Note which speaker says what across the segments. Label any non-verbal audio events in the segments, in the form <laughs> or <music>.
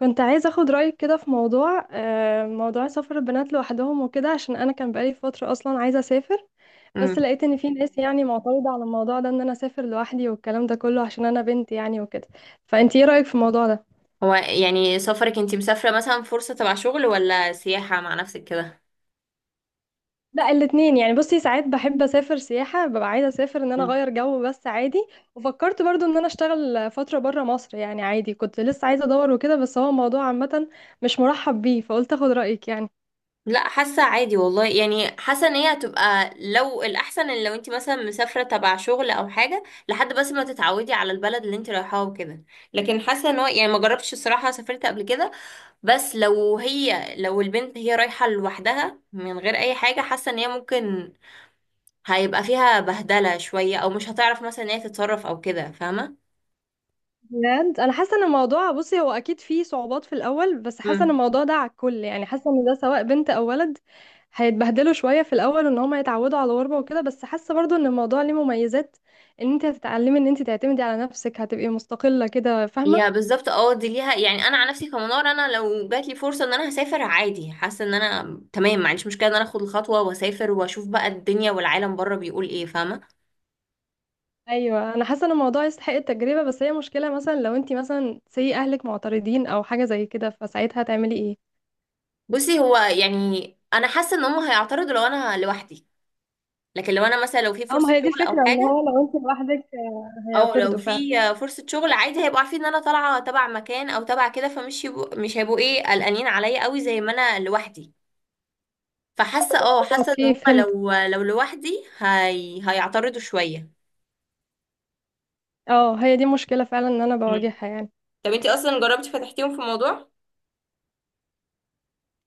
Speaker 1: كنت عايزة اخد رأيك كده في موضوع موضوع سفر البنات لوحدهم وكده، عشان انا كان بقالي فترة اصلا عايزة اسافر. بس
Speaker 2: امم
Speaker 1: لقيت ان في ناس يعني معترضة على الموضوع ده، ان انا اسافر لوحدي والكلام ده كله عشان انا بنت يعني وكده. فانت ايه رأيك في الموضوع ده؟
Speaker 2: هو يعني، سفرك انتي مسافرة مثلا فرصة تبع شغل، ولا سياحة مع نفسك كده؟
Speaker 1: لا الاتنين يعني، بصي، ساعات بحب اسافر سياحة، ببقى عايزة اسافر ان انا
Speaker 2: مم.
Speaker 1: اغير جو بس عادي. وفكرت برضو ان انا اشتغل فترة برا مصر، يعني عادي، كنت لسه عايزة ادور وكده، بس هو الموضوع عامة مش مرحب بيه، فقلت اخد رأيك يعني.
Speaker 2: لا، حاسة عادي والله، يعني حاسة ان هي هتبقى، لو الأحسن ان لو انتي مثلا مسافرة تبع شغل أو حاجة، لحد بس ما تتعودي على البلد اللي انتي رايحاها وكده. لكن حاسة ان هو يعني، ما جربتش الصراحة، سافرت قبل كده. بس لو هي لو البنت هي رايحة لوحدها من غير أي حاجة، حاسة ان هي ممكن هيبقى فيها بهدلة شوية، أو مش هتعرف مثلا ان هي تتصرف أو كده، فاهمة؟
Speaker 1: بجد انا حاسه ان الموضوع، بصي، هو اكيد فيه صعوبات في الاول، بس حاسه ان الموضوع ده على الكل يعني، حاسه ان ده سواء بنت او ولد هيتبهدلوا شويه في الاول وان هم يتعودوا على الغربه وكده. بس حاسه برضو ان الموضوع ليه مميزات، ان انت هتتعلمي ان انت تعتمدي على نفسك، هتبقي مستقله كده،
Speaker 2: يا
Speaker 1: فاهمه.
Speaker 2: بالظبط اه، دي ليها يعني. انا عن نفسي كمنار، انا لو جات لي فرصه ان انا هسافر عادي، حاسه ان انا تمام، ما عنديش مشكله ان انا اخد الخطوه واسافر واشوف بقى الدنيا والعالم بره بيقول ايه، فاهمه.
Speaker 1: ايوه انا حاسه ان الموضوع يستحق التجربه، بس هي مشكله مثلا لو انت مثلا سي اهلك معترضين او حاجه زي كده، فساعتها هتعملي ايه؟
Speaker 2: بصي، هو يعني انا حاسه ان هم هيعترضوا لو انا لوحدي، لكن لو انا مثلا لو في
Speaker 1: اه، ما
Speaker 2: فرصه
Speaker 1: هي دي
Speaker 2: شغل او
Speaker 1: الفكره، ان
Speaker 2: حاجه،
Speaker 1: هو لو انت لوحدك
Speaker 2: او لو
Speaker 1: هيعترضوا فعلا.
Speaker 2: في فرصه شغل عادي، هيبقوا عارفين ان انا طالعه تبع مكان او تبع كده، فمش يبقوا، مش هيبقوا ايه، قلقانين عليا قوي زي ما انا لوحدي. فحاسه، اه حاسه ان
Speaker 1: اوكي،
Speaker 2: هم
Speaker 1: فهمت.
Speaker 2: لو لوحدي، هيعترضوا شويه.
Speaker 1: اه، هي دي مشكلة فعلا ان انا بواجهها يعني.
Speaker 2: طب انتي اصلا جربتي فتحتيهم في موضوع؟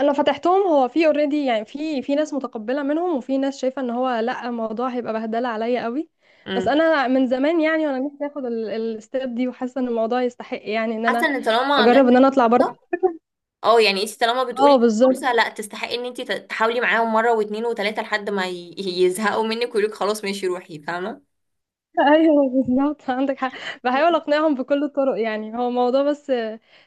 Speaker 1: انا فتحتهم، هو في اوريدي يعني، في ناس متقبلة منهم، وفي ناس شايفة ان هو لا الموضوع هيبقى بهدلة عليا قوي. بس
Speaker 2: امم
Speaker 1: انا من زمان يعني وانا نفسي اخد الستيب دي، وحاسة ان الموضوع يستحق يعني، ان
Speaker 2: حاسه
Speaker 1: انا
Speaker 2: ان طالما
Speaker 1: اجرب ان
Speaker 2: جاتلك
Speaker 1: انا اطلع
Speaker 2: فرصه،
Speaker 1: بره.
Speaker 2: اه يعني انتي طالما
Speaker 1: اه
Speaker 2: بتقولي
Speaker 1: بالظبط.
Speaker 2: فرصه، لا، تستحقي ان انتي تحاولي معاهم مره واتنين وتلاته لحد ما يزهقوا منك ويقولك خلاص ماشي روحي، فاهمه.
Speaker 1: <laughs> ايوه بالظبط، عندك حق. بحاول اقنعهم بكل الطرق، يعني هو موضوع بس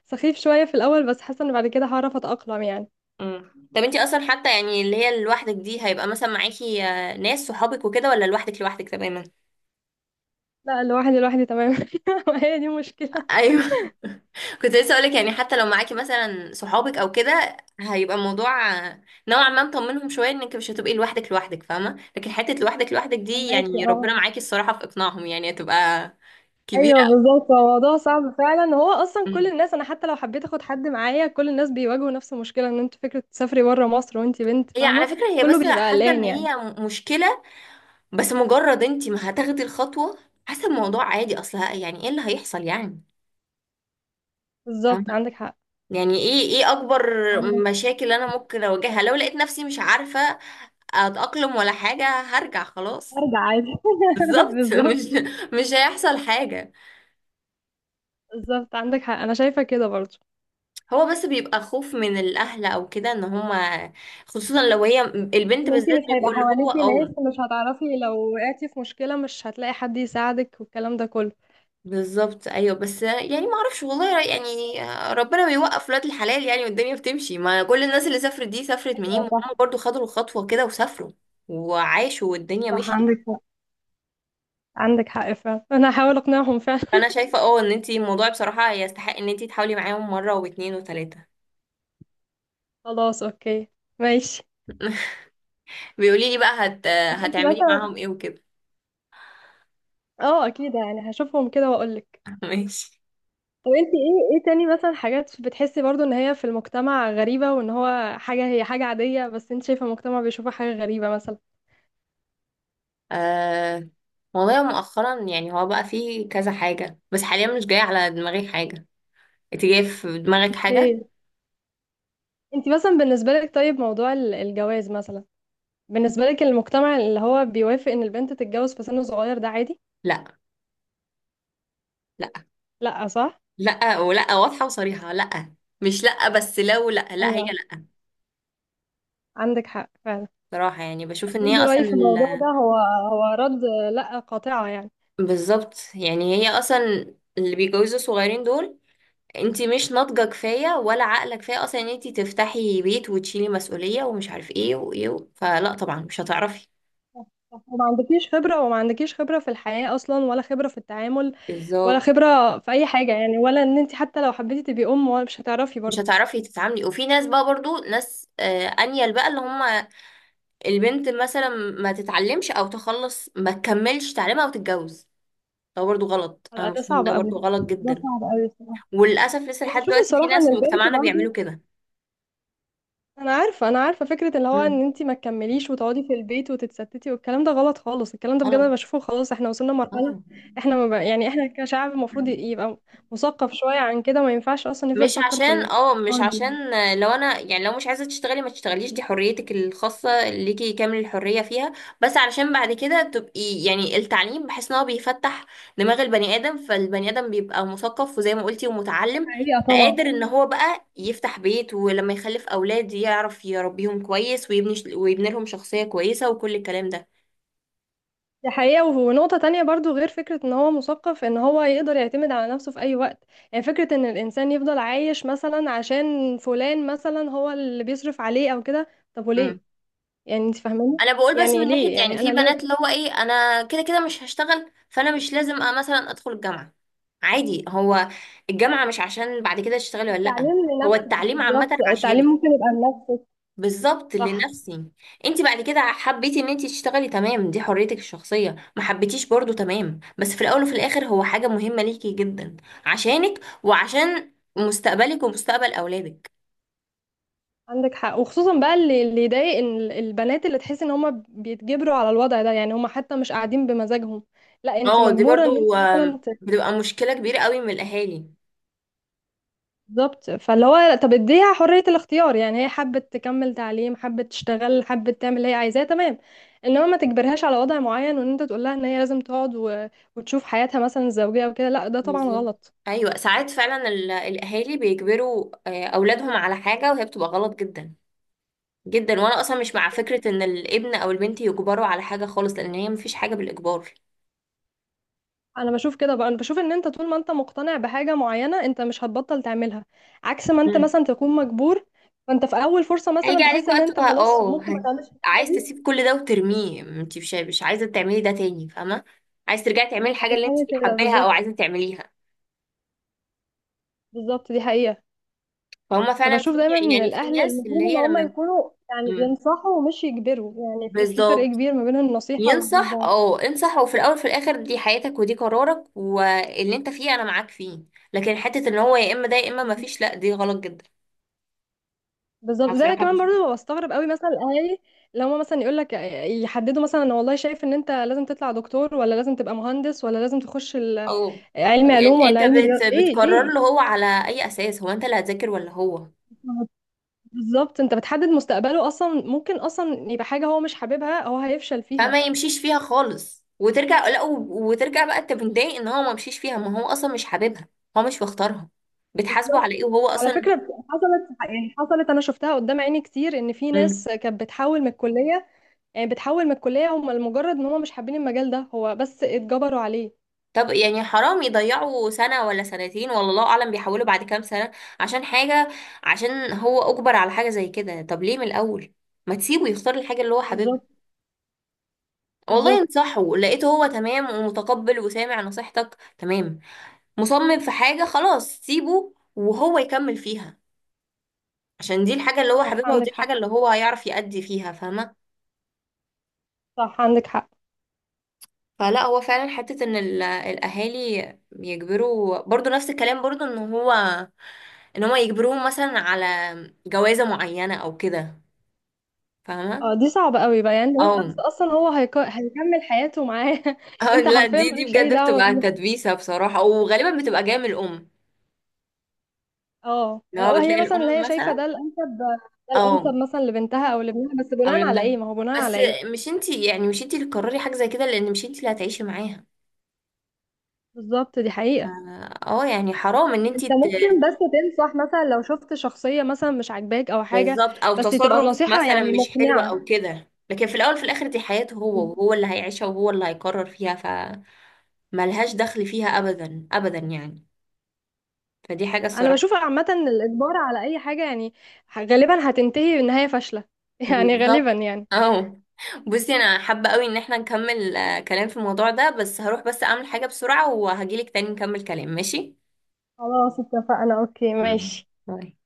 Speaker 1: سخيف شوية في الاول، بس حاسة ان بعد كده هعرف اتأقلم يعني.
Speaker 2: طب انتي اصلا حتى، يعني اللي هي لوحدك دي، هيبقى مثلا معاكي ناس صحابك وكده، ولا لوحدك لوحدك تماما؟
Speaker 1: لا، لوحدي لوحدي تمام. <laughs> هي دي مشكلة.
Speaker 2: ايوه. <laughs> كنت لسه اقولك، يعني حتى لو معاكي مثلا صحابك او كده، هيبقى الموضوع نوعا ما مطمنهم شويه انك مش هتبقي لوحدك لوحدك فاهمه. لكن حته لوحدك لوحدك دي
Speaker 1: فهماكي
Speaker 2: يعني،
Speaker 1: اه.
Speaker 2: ربنا معاكي الصراحه في اقناعهم، يعني هتبقى كبيره.
Speaker 1: ايوه بالظبط، هو موضوع صعب فعلا، هو اصلا كل
Speaker 2: مم.
Speaker 1: الناس، انا حتى لو حبيت اخد حد معايا، كل الناس بيواجهوا نفس المشكله، ان انت فكره تسافري بره مصر وانت بنت،
Speaker 2: هي على
Speaker 1: فاهمه.
Speaker 2: فكره، هي
Speaker 1: كله
Speaker 2: بس
Speaker 1: بيبقى
Speaker 2: حاسه ان
Speaker 1: قلقان يعني.
Speaker 2: هي مشكله، بس مجرد انت ما هتاخدي الخطوه، حاسه الموضوع عادي اصلا، يعني ايه اللي هيحصل يعني. فاهمة؟
Speaker 1: بالظبط، عندك حق.
Speaker 2: يعني ايه، ايه اكبر
Speaker 1: عندك.
Speaker 2: مشاكل انا ممكن اواجهها لو لقيت نفسي مش عارفه اتأقلم ولا حاجة، هرجع خلاص.
Speaker 1: ارجع عادي. <laughs>
Speaker 2: بالظبط. <laughs> مش
Speaker 1: بالظبط.
Speaker 2: مش هيحصل حاجة.
Speaker 1: بالظبط عندك حق، انا شايفه كده برضو.
Speaker 2: هو بس بيبقى خوف من الأهل أو كده، إن هما خصوصا لو هي البنت
Speaker 1: ان انت مش
Speaker 2: بالذات،
Speaker 1: هيبقى
Speaker 2: بيبقوا اللي هو
Speaker 1: حواليكي ناس،
Speaker 2: اه.
Speaker 1: مش هتعرفي لو وقعتي في مشكله، مش هتلاقي حد يساعدك والكلام ده كله.
Speaker 2: بالظبط أيوه، بس يعني ما أعرفش والله يعني، ربنا بيوقف ولاد الحلال يعني، والدنيا بتمشي. ما كل الناس اللي سافرت دي، سافرت منين؟
Speaker 1: ايوه
Speaker 2: ما هما
Speaker 1: صح.
Speaker 2: برضو خدوا الخطوة كده وسافروا وعاشوا والدنيا
Speaker 1: صح،
Speaker 2: مشيت.
Speaker 1: عندك حق. عندك حق فعلا، انا هحاول اقنعهم فعلا.
Speaker 2: فأنا شايفة اه، إن انتي الموضوع بصراحة يستحق إن انتي تحاولي معاهم مرة واتنين وتلاتة.
Speaker 1: <laughs> خلاص اوكي. ماشي.
Speaker 2: بيقولي لي بقى
Speaker 1: طب انت
Speaker 2: هتعملي
Speaker 1: مثلا.
Speaker 2: معاهم ايه وكده.
Speaker 1: اه اكيد، يعني هشوفهم كده واقولك.
Speaker 2: <laughs> ماشي.
Speaker 1: طب انت ايه، ايه تاني مثلا حاجات بتحسي برضو ان هي في المجتمع غريبة، وان هو حاجة هي حاجة عادية بس انت شايفة المجتمع بيشوفها حاجة غريبة مثلا؟
Speaker 2: آه... والله مؤخرا يعني هو بقى فيه كذا حاجة، بس حاليا مش جاية على دماغي حاجة. انت جاية في دماغك حاجة؟
Speaker 1: اوكي. انت مثلا، بالنسبة لك، طيب موضوع الجواز مثلا، بالنسبة لك المجتمع اللي هو بيوافق ان البنت تتجوز في سن صغير ده عادي؟
Speaker 2: لا. لا.
Speaker 1: لا صح.
Speaker 2: لا ولا واضحة وصريحة، لا. مش لا، بس لو لا لا، هي
Speaker 1: ايوه،
Speaker 2: لا.
Speaker 1: عندك حق فعلا.
Speaker 2: صراحة يعني بشوف ان هي
Speaker 1: برضو رأيي
Speaker 2: اصلا
Speaker 1: في الموضوع ده هو، هو رد لا قاطعة يعني.
Speaker 2: بالظبط، يعني هي اصلا اللي بيتجوزوا صغيرين دول، انت مش ناضجة كفاية ولا عقلك كفاية اصلا ان انت تفتحي بيت وتشيلي مسؤولية ومش عارف ايه وايه و، فلا طبعا مش هتعرفي.
Speaker 1: صح، صح. وما عندكيش خبرة، وما عندكيش خبرة في الحياة أصلا، ولا خبرة في التعامل، ولا
Speaker 2: بالظبط
Speaker 1: خبرة في أي حاجة يعني، ولا إن أنت حتى لو حبيتي تبقي أم ولا، مش هتعرفي
Speaker 2: مش
Speaker 1: برضه.
Speaker 2: هتعرفي تتعاملي. وفي ناس بقى برضو ناس انيل بقى، اللي هم البنت مثلا ما تتعلمش او تخلص ما تكملش تعليمها وتتجوز، ده برضو غلط، انا
Speaker 1: لا،
Speaker 2: مش
Speaker 1: ده
Speaker 2: فاهمة،
Speaker 1: صعب
Speaker 2: ده
Speaker 1: أوي.
Speaker 2: برضو غلط
Speaker 1: ده
Speaker 2: جدا.
Speaker 1: صعب أوي الصراحة.
Speaker 2: وللاسف لسه
Speaker 1: أنا
Speaker 2: لحد
Speaker 1: بشوف
Speaker 2: دلوقتي في
Speaker 1: الصراحة
Speaker 2: ناس
Speaker 1: إن
Speaker 2: في
Speaker 1: البنت
Speaker 2: مجتمعنا بيعملوا
Speaker 1: برضه،
Speaker 2: كده.
Speaker 1: أنا عارفة، أنا عارفة فكرة اللي هو
Speaker 2: امم
Speaker 1: إن أنت ما تكمليش وتقعدي في البيت وتتستتي، والكلام ده غلط خالص، الكلام ده بجد أنا
Speaker 2: غلط،
Speaker 1: بشوفه خلاص، إحنا وصلنا مرحلة،
Speaker 2: اه.
Speaker 1: إحنا ما بقى يعني، إحنا كشعب المفروض يبقى مثقف شوية عن كده، ما ينفعش أصلا نفضل
Speaker 2: مش
Speaker 1: نفكر في
Speaker 2: عشان
Speaker 1: في
Speaker 2: اه، مش
Speaker 1: الأفكار دي.
Speaker 2: عشان لو انا يعني، لو مش عايزه تشتغلي ما تشتغليش، دي حريتك الخاصه ليكي، كامل الحريه فيها. بس علشان بعد كده تبقي يعني، التعليم بحس ان هو بيفتح دماغ البني ادم، فالبني ادم بيبقى مثقف وزي ما قلتي ومتعلم،
Speaker 1: حقيقة طبعا.
Speaker 2: قادر ان هو بقى يفتح بيت، ولما يخلف اولاد يعرف يربيهم كويس، ويبني، ويبني لهم شخصيه كويسه، وكل الكلام
Speaker 1: دي حقيقة، ونقطة تانية برضو غير فكرة ان هو مثقف، ان هو يقدر يعتمد على نفسه في اي وقت. يعني فكرة ان الانسان يفضل عايش مثلا عشان فلان مثلا هو اللي بيصرف عليه او كده، طب
Speaker 2: ده.
Speaker 1: وليه يعني؟ انت فاهماني؟
Speaker 2: انا بقول بس
Speaker 1: يعني
Speaker 2: من ناحيه
Speaker 1: ليه
Speaker 2: يعني،
Speaker 1: يعني، انا
Speaker 2: في بنات
Speaker 1: ليه؟
Speaker 2: اللي هو ايه، انا كده كده مش هشتغل، فانا مش لازم مثلا ادخل الجامعه، عادي. هو الجامعه مش عشان بعد كده تشتغلي ولا لا،
Speaker 1: التعليم
Speaker 2: هو
Speaker 1: لنفسك،
Speaker 2: التعليم عامه
Speaker 1: بالظبط، التعليم
Speaker 2: عشانك.
Speaker 1: ممكن يبقى لنفسك.
Speaker 2: بالظبط،
Speaker 1: صح.
Speaker 2: لنفسي. انت بعد كده حبيتي ان انت تشتغلي، تمام، دي حريتك الشخصيه، ما حبيتيش برضو، تمام. بس في الاول وفي الاخر هو حاجه مهمه ليكي جدا، عشانك، وعشان مستقبلك ومستقبل اولادك.
Speaker 1: عندك حق، وخصوصا بقى اللي يضايق، ان البنات اللي تحس ان هم بيتجبروا على الوضع ده، يعني هم حتى مش قاعدين بمزاجهم. لا، انت
Speaker 2: اه دي
Speaker 1: مجبورة ان
Speaker 2: برضو
Speaker 1: انت مثلا.
Speaker 2: بتبقى مشكله كبيره قوي من الاهالي.
Speaker 1: بالظبط، فاللي هو، طب اديها حرية الاختيار يعني، هي حابة تكمل تعليم، حابة تشتغل، حابة تعمل اللي هي عايزاه، تمام. انما ما تجبرهاش على وضع معين، وان انت تقول لها ان هي لازم تقعد وتشوف حياتها مثلا الزوجية وكده. لا ده طبعا
Speaker 2: بالظبط.
Speaker 1: غلط.
Speaker 2: ايوه، ساعات فعلا الاهالي بيجبروا اولادهم على حاجه وهي بتبقى غلط جدا جدا. وانا اصلا مش مع فكره ان الابن او البنت يجبروا على حاجه خالص، لان هي مفيش حاجه بالاجبار.
Speaker 1: انا بشوف كده بقى، انا بشوف ان انت طول ما انت مقتنع بحاجة معينة، انت مش هتبطل تعملها، عكس ما انت
Speaker 2: امم
Speaker 1: مثلا تكون مجبور، فانت في اول فرصة
Speaker 2: هيجي
Speaker 1: مثلا
Speaker 2: عليك
Speaker 1: تحس ان
Speaker 2: وقت
Speaker 1: انت خلاص ممكن ما تعملش الحاجة
Speaker 2: عايز
Speaker 1: دي،
Speaker 2: تسيب كل ده وترميه، انت مش عايزه تعملي ده تاني فاهمه، عايز ترجعي تعملي الحاجه اللي انت
Speaker 1: هتعمل كده
Speaker 2: حباها او
Speaker 1: بالظبط.
Speaker 2: عايزه تعمليها.
Speaker 1: بالظبط، دي حقيقة.
Speaker 2: فهم فعلا في،
Speaker 1: فبشوف دايما ان
Speaker 2: يعني في
Speaker 1: الاهل
Speaker 2: ناس اللي
Speaker 1: المفروض ان
Speaker 2: هي
Speaker 1: هم
Speaker 2: لما.
Speaker 1: يكونوا يعني
Speaker 2: مم.
Speaker 1: ينصحوا ومش يجبروا، يعني في فرق
Speaker 2: بالظبط،
Speaker 1: كبير ما بين النصيحه
Speaker 2: ينصح،
Speaker 1: والاجبار.
Speaker 2: اه انصح. وفي الاول وفي الاخر دي حياتك ودي قرارك واللي انت فيه انا معاك فيه، لكن حته ان هو يا اما ده يا اما ما فيش، لا دي غلط جدا.
Speaker 1: بالظبط.
Speaker 2: انا
Speaker 1: زي
Speaker 2: بصراحه
Speaker 1: كمان
Speaker 2: بشوف،
Speaker 1: برضه بستغرب قوي مثلا الاهالي لو هم مثلا يقول لك، يحددوا مثلا، انا والله شايف ان انت لازم تطلع دكتور، ولا لازم تبقى مهندس، ولا لازم تخش
Speaker 2: اه
Speaker 1: علم علوم ولا
Speaker 2: انت
Speaker 1: علم رياضه، ايه
Speaker 2: بتقرر
Speaker 1: ليه؟
Speaker 2: له هو على اي اساس؟ هو انت اللي هتذاكر ولا هو؟
Speaker 1: بالظبط، انت بتحدد مستقبله، اصلا ممكن اصلا يبقى حاجه هو مش حاببها، هو هيفشل فيها.
Speaker 2: فما يمشيش فيها خالص، وترجع لا وترجع بقى انت متضايق ان هو ما مشيش فيها، ما هو اصلا مش حاببها، هو مش مختارها، بتحاسبه على
Speaker 1: بالظبط.
Speaker 2: ايه وهو
Speaker 1: على
Speaker 2: اصلا.
Speaker 1: فكرة، حصلت يعني، حصلت أنا شفتها قدام عيني كتير، إن في
Speaker 2: مم.
Speaker 1: ناس كانت بتحول من الكلية، يعني بتحول من الكلية هم لمجرد إن هم مش حابين المجال ده، هو بس اتجبروا عليه.
Speaker 2: طب يعني حرام يضيعوا سنة ولا سنتين ولا الله أعلم، بيحولوا بعد كام سنة عشان حاجة، عشان هو أجبر على حاجة زي كده. طب ليه من الأول ما تسيبه يختار الحاجة اللي هو حاببها؟
Speaker 1: بالظبط.
Speaker 2: والله
Speaker 1: بالظبط.
Speaker 2: انصحه، لقيته هو تمام ومتقبل وسامع نصيحتك تمام، مصمم في حاجة خلاص، سيبه وهو يكمل فيها، عشان دي الحاجة اللي هو
Speaker 1: صح،
Speaker 2: حاببها، ودي
Speaker 1: عندك حق.
Speaker 2: الحاجة اللي هو هيعرف يأدي فيها، فاهمة.
Speaker 1: صح، عندك حق.
Speaker 2: فلا، هو فعلا حتة ان الاهالي يجبروا، برضو نفس الكلام، برضو ان هو، ان هما يجبروهم مثلا على جوازة معينة او كده،
Speaker 1: اه
Speaker 2: فاهمة.
Speaker 1: دي صعبة قوي بقى، يعني
Speaker 2: او
Speaker 1: هو
Speaker 2: <laughs>
Speaker 1: شخص أصلا هو هيكمل حياته معاه. <laughs>
Speaker 2: أو
Speaker 1: أنت
Speaker 2: لا،
Speaker 1: حرفيا
Speaker 2: دي
Speaker 1: مالكش أي
Speaker 2: بجد
Speaker 1: دعوة
Speaker 2: بتبقى
Speaker 1: بيهم.
Speaker 2: تدبيسة بصراحة، وغالبا بتبقى جاية من الام،
Speaker 1: اه،
Speaker 2: اللي هو
Speaker 1: لو هي
Speaker 2: بتلاقي
Speaker 1: مثلا اللي
Speaker 2: الام
Speaker 1: هي شايفة
Speaker 2: مثلا،
Speaker 1: ده الأنسب، ده
Speaker 2: او
Speaker 1: الأنسب مثلا لبنتها أو لابنها، بس
Speaker 2: او
Speaker 1: بناء على
Speaker 2: لابنها
Speaker 1: إيه؟ ما هو بناء
Speaker 2: بس.
Speaker 1: على إيه؟
Speaker 2: مش انتي، يعني مش انتي اللي تقرري حاجة زي كده، لان مش انتي اللي هتعيشي معاها.
Speaker 1: بالظبط، دي
Speaker 2: اه
Speaker 1: حقيقة.
Speaker 2: يعني حرام ان انتي
Speaker 1: انت ممكن بس تنصح مثلا لو شفت شخصية مثلا مش عاجباك او حاجة،
Speaker 2: بالظبط، او
Speaker 1: بس تبقى
Speaker 2: تصرف
Speaker 1: نصيحة
Speaker 2: مثلا
Speaker 1: يعني
Speaker 2: مش حلو او
Speaker 1: مقنعة.
Speaker 2: كده، لكن في الاول في الاخر دي حياته هو، وهو اللي هيعيشها وهو اللي هيقرر فيها، ف ملهاش دخل فيها ابدا ابدا يعني. فدي حاجه
Speaker 1: انا
Speaker 2: الصراحه.
Speaker 1: بشوف عامة الاجبار على اي حاجة يعني غالبا هتنتهي بنهاية فاشلة. <laughs> يعني غالبا
Speaker 2: بالظبط
Speaker 1: يعني.
Speaker 2: اه. بصي انا حابه قوي ان احنا نكمل كلام في الموضوع ده، بس هروح بس اعمل حاجه بسرعه وهجيلك تاني نكمل كلام، ماشي؟
Speaker 1: خلاص، اتفقنا، اوكي
Speaker 2: مم.
Speaker 1: ماشي.
Speaker 2: باي.